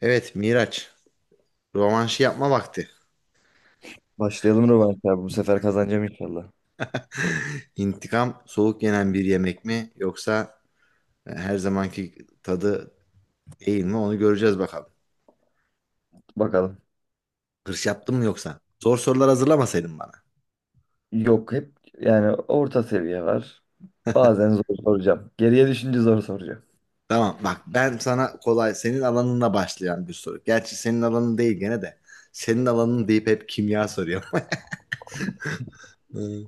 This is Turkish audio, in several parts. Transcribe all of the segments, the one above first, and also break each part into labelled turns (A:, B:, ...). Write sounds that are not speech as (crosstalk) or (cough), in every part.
A: Evet Miraç, rövanşı yapma vakti.
B: Başlayalım Rövanş abi. Bu sefer kazanacağım inşallah.
A: İntikam soğuk yenen bir yemek mi yoksa her zamanki tadı değil mi, onu göreceğiz bakalım.
B: Bakalım.
A: Hırs yaptın mı yoksa? Zor sorular hazırlamasaydın bana.
B: Yok hep yani orta seviye var. Bazen zor soracağım. Geriye düşünce zor soracağım.
A: Tamam bak, ben sana kolay senin alanına başlayan bir soru. Gerçi senin alanın değil gene de. Senin alanın deyip hep kimya soruyor. (laughs) Hmm.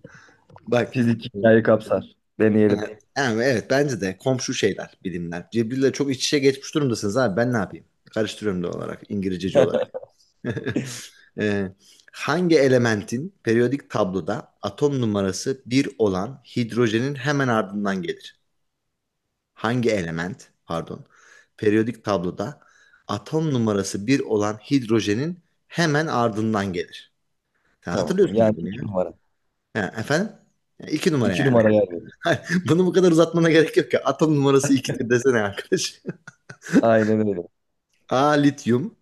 A: Bak.
B: Fizik hikayeyi kapsar. Deneyelim.
A: Evet, evet bence de komşu şeyler, bilimler. Cebril'le çok iç içe geçmiş durumdasınız abi, ben ne yapayım? Karıştırıyorum da olarak İngilizceci olarak.
B: (laughs)
A: (laughs) Ee, hangi elementin periyodik tabloda atom numarası bir olan hidrojenin hemen ardından gelir? Hangi element, pardon, periyodik tabloda atom numarası bir olan hidrojenin hemen ardından gelir? Sen
B: Tamam.
A: hatırlıyorsundur
B: Yani
A: bunu
B: iki
A: ya.
B: numara.
A: Ha, efendim? Ya, İki numara
B: İki
A: yani.
B: numara yer verir.
A: (laughs) Bunu bu kadar uzatmana gerek yok ya. Atom numarası 2'dir desene arkadaş.
B: Aynen öyle.
A: (laughs) A. Lityum,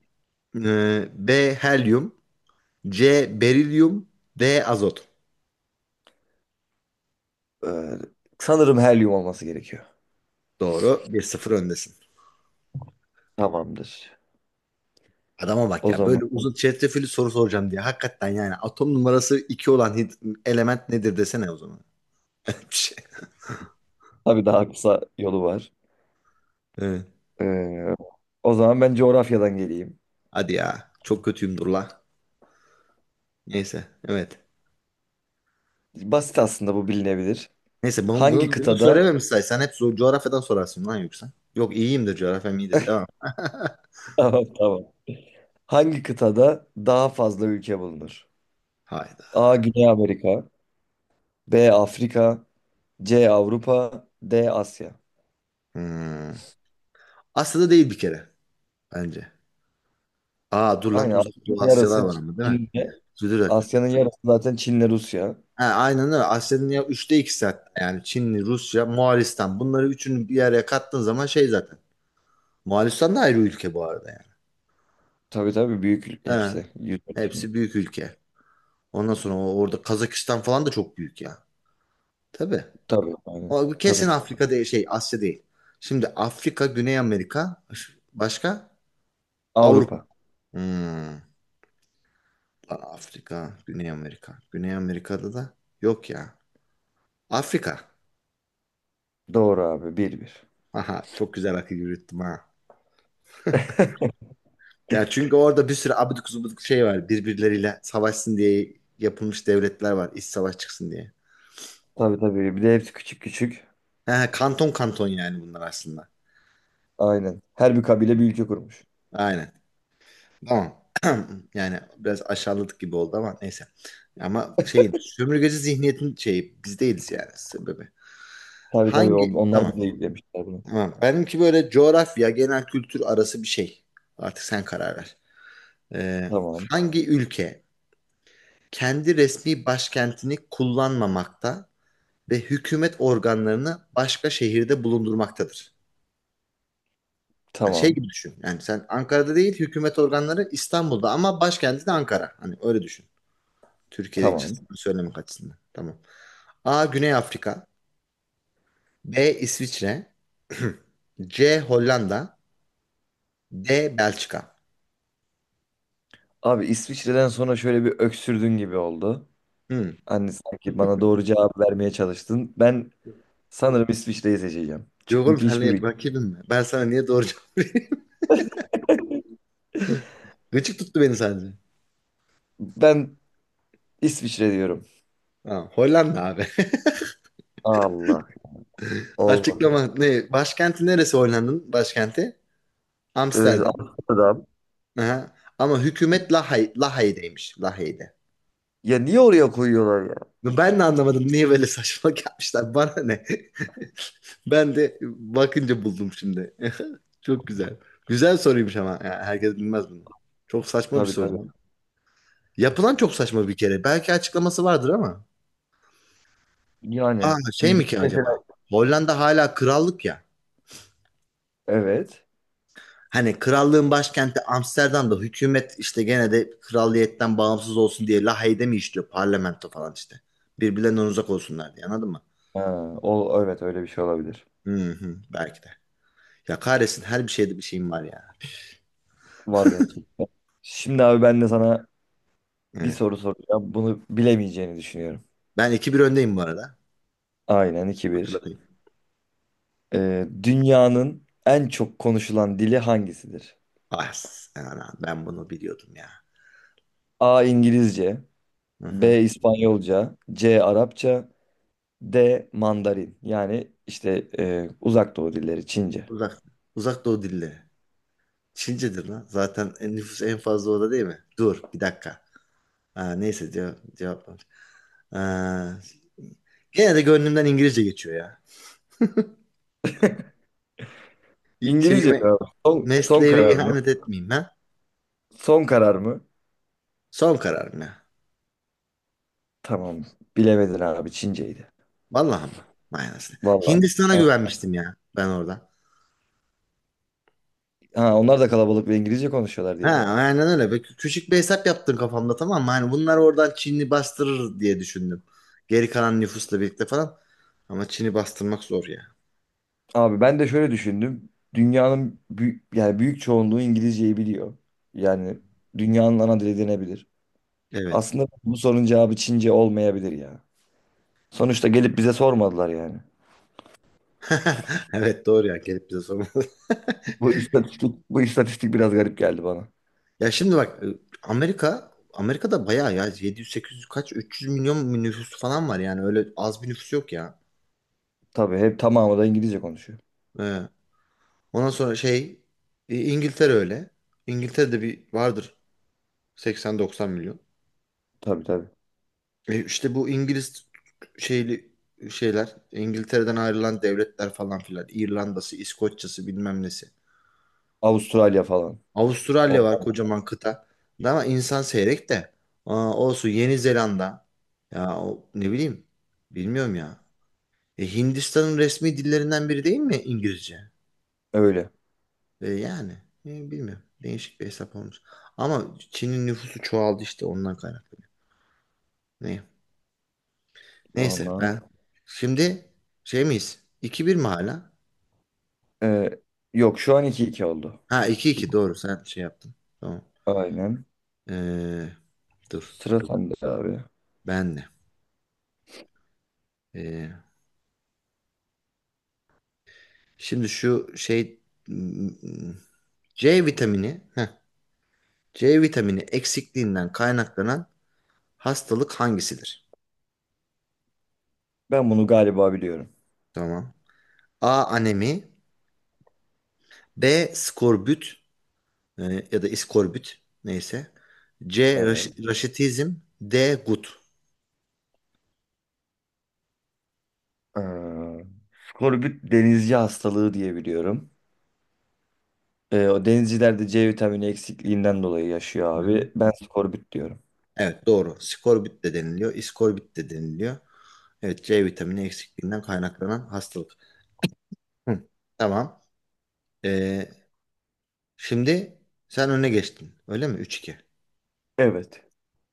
A: B. Helyum, C. Berilyum, D. Azot.
B: Ee, sanırım helyum olması gerekiyor.
A: Doğru. Bir sıfır öndesin.
B: Tamamdır.
A: Adama bak
B: O
A: ya.
B: zaman
A: Böyle uzun çetrefilli soru soracağım diye. Hakikaten yani atom numarası 2 olan element nedir desene o zaman. (laughs) Bir şey.
B: tabii daha kısa yolu var.
A: Evet.
B: Ee, O zaman ben coğrafyadan geleyim.
A: Hadi ya. Çok kötüyüm dur la. Neyse. Evet.
B: Basit aslında bu bilinebilir.
A: Neyse bunu,
B: Hangi
A: bunu, bunu
B: kıtada
A: söylememişsen
B: (laughs)
A: sen hep coğrafyadan sorarsın lan yoksa. Yok iyiyimdir, coğrafyam iyidir. Tamam. (laughs)
B: Tamam, tamam. Hangi kıtada daha fazla ülke bulunur?
A: Hayda.
B: A. Güney Amerika, B. Afrika, C. Avrupa, D. Asya.
A: Hmm. Asya'da değil bir kere, bence. Aa dur lan,
B: Aynen,
A: Uzak Doğu
B: Asya'nın
A: Asyalar
B: yarısı
A: var ama değil mi?
B: Çin'de.
A: Dur, dur, dur.
B: Asya'nın yarısı zaten Çin'le Rusya.
A: Ha, aynen öyle. Asya'nın ya üçte 2'si hatta. Yani Çinli, Rusya, Moğolistan. Bunları üçünü bir araya kattığın zaman şey zaten. Moğolistan da ayrı ülke bu arada yani.
B: Tabii tabii, büyük
A: Ha,
B: hepsi. Yüz ölçümü.
A: hepsi büyük ülke. Ondan sonra orada Kazakistan falan da çok büyük ya. Tabii.
B: Tabii aynen.
A: O kesin
B: Kazakistan.
A: Afrika değil, şey Asya değil. Şimdi Afrika, Güney Amerika, başka Avrupa.
B: Avrupa.
A: Hmm. Afrika, Güney Amerika. Güney Amerika'da da yok ya. Afrika.
B: Doğru abi. Bir bir.
A: Aha çok güzel akıl yürüttüm ha. Ya çünkü orada bir sürü abidik gubidik şey var. Birbirleriyle savaşsın diye yapılmış devletler var. İç savaş çıksın diye.
B: Tabii tabii. Bir de hepsi küçük küçük.
A: Ha, kanton kanton yani bunlar aslında.
B: Aynen. Her bir kabile bir ülke kurmuş.
A: Aynen. Tamam. (clears throat) Yani biraz aşağıladık gibi oldu ama neyse. Ama şey sömürgeci zihniyetin şeyi biz değiliz yani sebebi.
B: Tabii tabii.
A: Hangi?
B: Onlar bize
A: Tamam.
B: yüklemişler bunu.
A: Tamam. Benimki böyle coğrafya, genel kültür arası bir şey. Artık sen karar ver. Ee,
B: Tamam.
A: hangi ülke kendi resmi başkentini kullanmamakta ve hükümet organlarını başka şehirde bulundurmaktadır? Yani şey
B: Tamam.
A: gibi düşün. Yani sen Ankara'da değil, hükümet organları İstanbul'da ama başkenti de Ankara. Hani öyle düşün. Türkiye'de hiç
B: Tamam.
A: söylemek açısından. Tamam. A. Güney Afrika. B. İsviçre. (clears throat) (laughs) C. Hollanda. D. Belçika.
B: Abi İsviçre'den sonra şöyle bir öksürdün gibi oldu.
A: Hmm.
B: Hani sanki bana doğru cevap vermeye çalıştın. Ben sanırım İsviçre'yi seçeceğim.
A: Yok oğlum,
B: Çünkü hiçbir
A: senle
B: bilgim.
A: rakibim mi? Ben sana niye doğru cevap vereyim?
B: (laughs)
A: (laughs) Gıcık tuttu beni sadece.
B: Ben İsviçre diyorum.
A: Tamam. Hollanda abi.
B: Allah.
A: (laughs)
B: Olmadı.
A: Açıklama ne? Başkenti neresi, Hollanda'nın başkenti? Amsterdam.
B: Amsterdam.
A: Aha. Ama hükümet Lahay, Lahey'deymiş. Lahey'de.
B: Ya niye oraya koyuyorlar ya?
A: Ben de anlamadım niye böyle saçmalık yapmışlar. Bana ne? (laughs) Ben de bakınca buldum şimdi. (laughs) Çok güzel. Güzel soruymuş ama. Ya herkes bilmez bunu. Çok saçma bir
B: Tabii
A: soru
B: tabii.
A: lan. Yapılan çok saçma bir kere. Belki açıklaması vardır ama. Aa
B: Yani
A: şey mi
B: bizde
A: ki acaba?
B: mesela
A: Hollanda hala krallık ya.
B: evet.
A: Hani krallığın başkenti Amsterdam'da, hükümet işte gene de kralliyetten bağımsız olsun diye La mi işliyor parlamento falan işte. Birbirlerinden uzak olsunlar diye, anladın mı?
B: Ha, o evet, öyle bir şey olabilir.
A: Hı hı, belki de. Ya kahretsin, her bir şeyde bir şeyim var ya.
B: Var gerçekten. Şimdi abi ben de sana bir
A: Evet.
B: soru soracağım. Bunu bilemeyeceğini düşünüyorum.
A: Ben iki bir öndeyim bu arada.
B: Aynen, iki bir.
A: Hatırlatayım.
B: Dünyanın en çok konuşulan dili hangisidir?
A: Ah, ana, ben bunu biliyordum ya.
B: A. İngilizce,
A: Hı
B: B.
A: hı.
B: İspanyolca, C. Arapça, D. Mandarin. Yani işte uzak doğu dilleri Çince.
A: Uzak, uzak doğu dilleri. Çincedir lan. Zaten nüfus en fazla orada değil mi? Dur bir dakika. Aa, neyse cevap var. Aa, gene de gönlümden İngilizce geçiyor ya.
B: İngilizce
A: Şeyime,
B: mi abi? Son
A: mesleğime
B: karar mı?
A: ihanet etmeyeyim ben.
B: Son karar mı?
A: Son kararım ya.
B: Tamam. Bilemedin abi, Çinceydi.
A: Vallahi ama. Manasını.
B: Vallahi.
A: Hindistan'a
B: Yani,
A: güvenmiştim ya ben orada.
B: ha, onlar da kalabalık ve İngilizce konuşuyorlar
A: Ha
B: diye mi?
A: aynen öyle. Küçük bir hesap yaptım kafamda, tamam mı? Hani bunlar oradan Çin'i bastırır diye düşündüm. Geri kalan nüfusla birlikte falan. Ama Çin'i bastırmak zor ya.
B: Abi ben de şöyle düşündüm. Dünyanın büyük, yani büyük çoğunluğu İngilizceyi biliyor. Yani dünyanın ana dili denebilir.
A: Evet.
B: Aslında bu sorunun cevabı Çince olmayabilir ya. Sonuçta gelip bize sormadılar yani.
A: (laughs) Evet doğru ya, gelip bize sormalı. (laughs)
B: Bu istatistik biraz garip geldi bana.
A: Ya şimdi bak Amerika'da bayağı ya 700-800 kaç 300 milyon nüfus falan var, yani öyle az bir nüfus yok ya.
B: Tabii hep tamamı da İngilizce konuşuyor.
A: Ee, Ondan sonra şey, İngiltere öyle. İngiltere'de bir vardır 80-90 milyon.
B: Tabii tabii.
A: İşte bu İngiliz şeyli şeyler, İngiltere'den ayrılan devletler falan filan, İrlanda'sı, İskoçya'sı bilmem nesi.
B: Avustralya falan. O,
A: Avustralya var, kocaman kıta. Ama insan seyrek de. Aa, olsun, Yeni Zelanda. Ya o, ne bileyim. Bilmiyorum ya. Hindistan'ın resmi dillerinden biri değil mi İngilizce?
B: öyle.
A: Yani bilmiyorum. Değişik bir hesap olmuş. Ama Çin'in nüfusu çoğaldı işte ondan kaynaklı. Ne? Neyse
B: Vallahi.
A: ben şimdi şey miyiz? 2 bir mi hala?
B: Ee, Yok, şu an iki iki oldu.
A: Ha iki iki, doğru, sen şey yaptın. Tamam.
B: Aynen.
A: Ee, dur
B: Sıra sende abi.
A: ben de. Ee, şimdi şu şey m- m- C vitamini heh, C vitamini eksikliğinden kaynaklanan hastalık hangisidir?
B: Ben bunu galiba biliyorum.
A: Tamam. A. Anemi. B. Skorbut. E, ya da iskorbüt neyse. C.
B: Evet.
A: Raşitizm. D. Gut.
B: Ee, Skorbut denizci hastalığı diye biliyorum. O denizcilerde C vitamini eksikliğinden dolayı
A: Hı
B: yaşıyor
A: hı.
B: abi. Ben skorbut diyorum.
A: Evet doğru. Skorbut de deniliyor. İskorbut de deniliyor. Evet, C vitamini eksikliğinden kaynaklanan hastalık. Hı. Tamam. Ee, şimdi sen öne geçtin. Öyle mi? Üç iki.
B: Evet.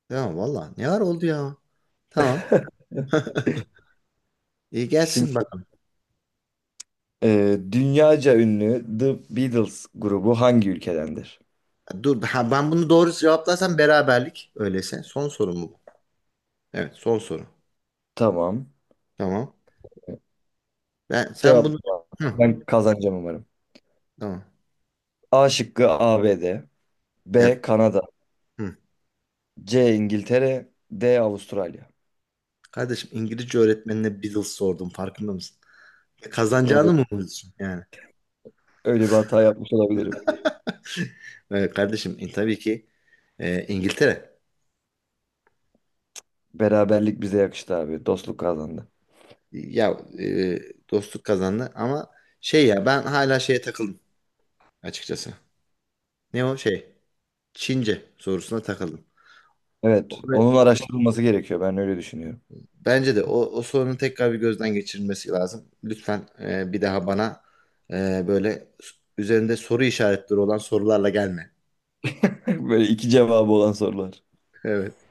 A: Tamam valla. Ne var oldu ya? Tamam.
B: (laughs)
A: İyi
B: Şimdi
A: gelsin bakalım.
B: dünyaca ünlü The Beatles grubu hangi ülkedendir?
A: Dur ha, ben bunu doğru cevaplarsam beraberlik. Öyleyse. Son sorum bu. Evet, son soru.
B: Tamam.
A: Tamam. Ben sen
B: Cevap,
A: bunu. Hı,
B: ben kazanacağım umarım.
A: tamam.
B: A şıkkı ABD, B D, B
A: Ya,
B: Kanada,
A: hı.
B: C İngiltere, D Avustralya.
A: Kardeşim, İngilizce öğretmenine Beatles sordum, farkında mısın?
B: Öyle,
A: Kazanacağını mı umuyorsun yani?
B: öyle bir hata yapmış olabilirim.
A: Kardeşim tabii ki İngiltere.
B: Beraberlik bize yakıştı abi. Dostluk kazandı.
A: Ya dostluk kazandı ama şey ya, ben hala şeye takıldım açıkçası. Ne o şey? Çince sorusuna takıldım.
B: Evet, onun
A: O,
B: araştırılması gerekiyor. Ben öyle düşünüyorum.
A: bence de o sorunun tekrar bir gözden geçirilmesi lazım. Lütfen bir daha bana böyle üzerinde soru işaretleri olan sorularla gelme.
B: (laughs) Böyle iki cevabı olan sorular.
A: (laughs) Evet.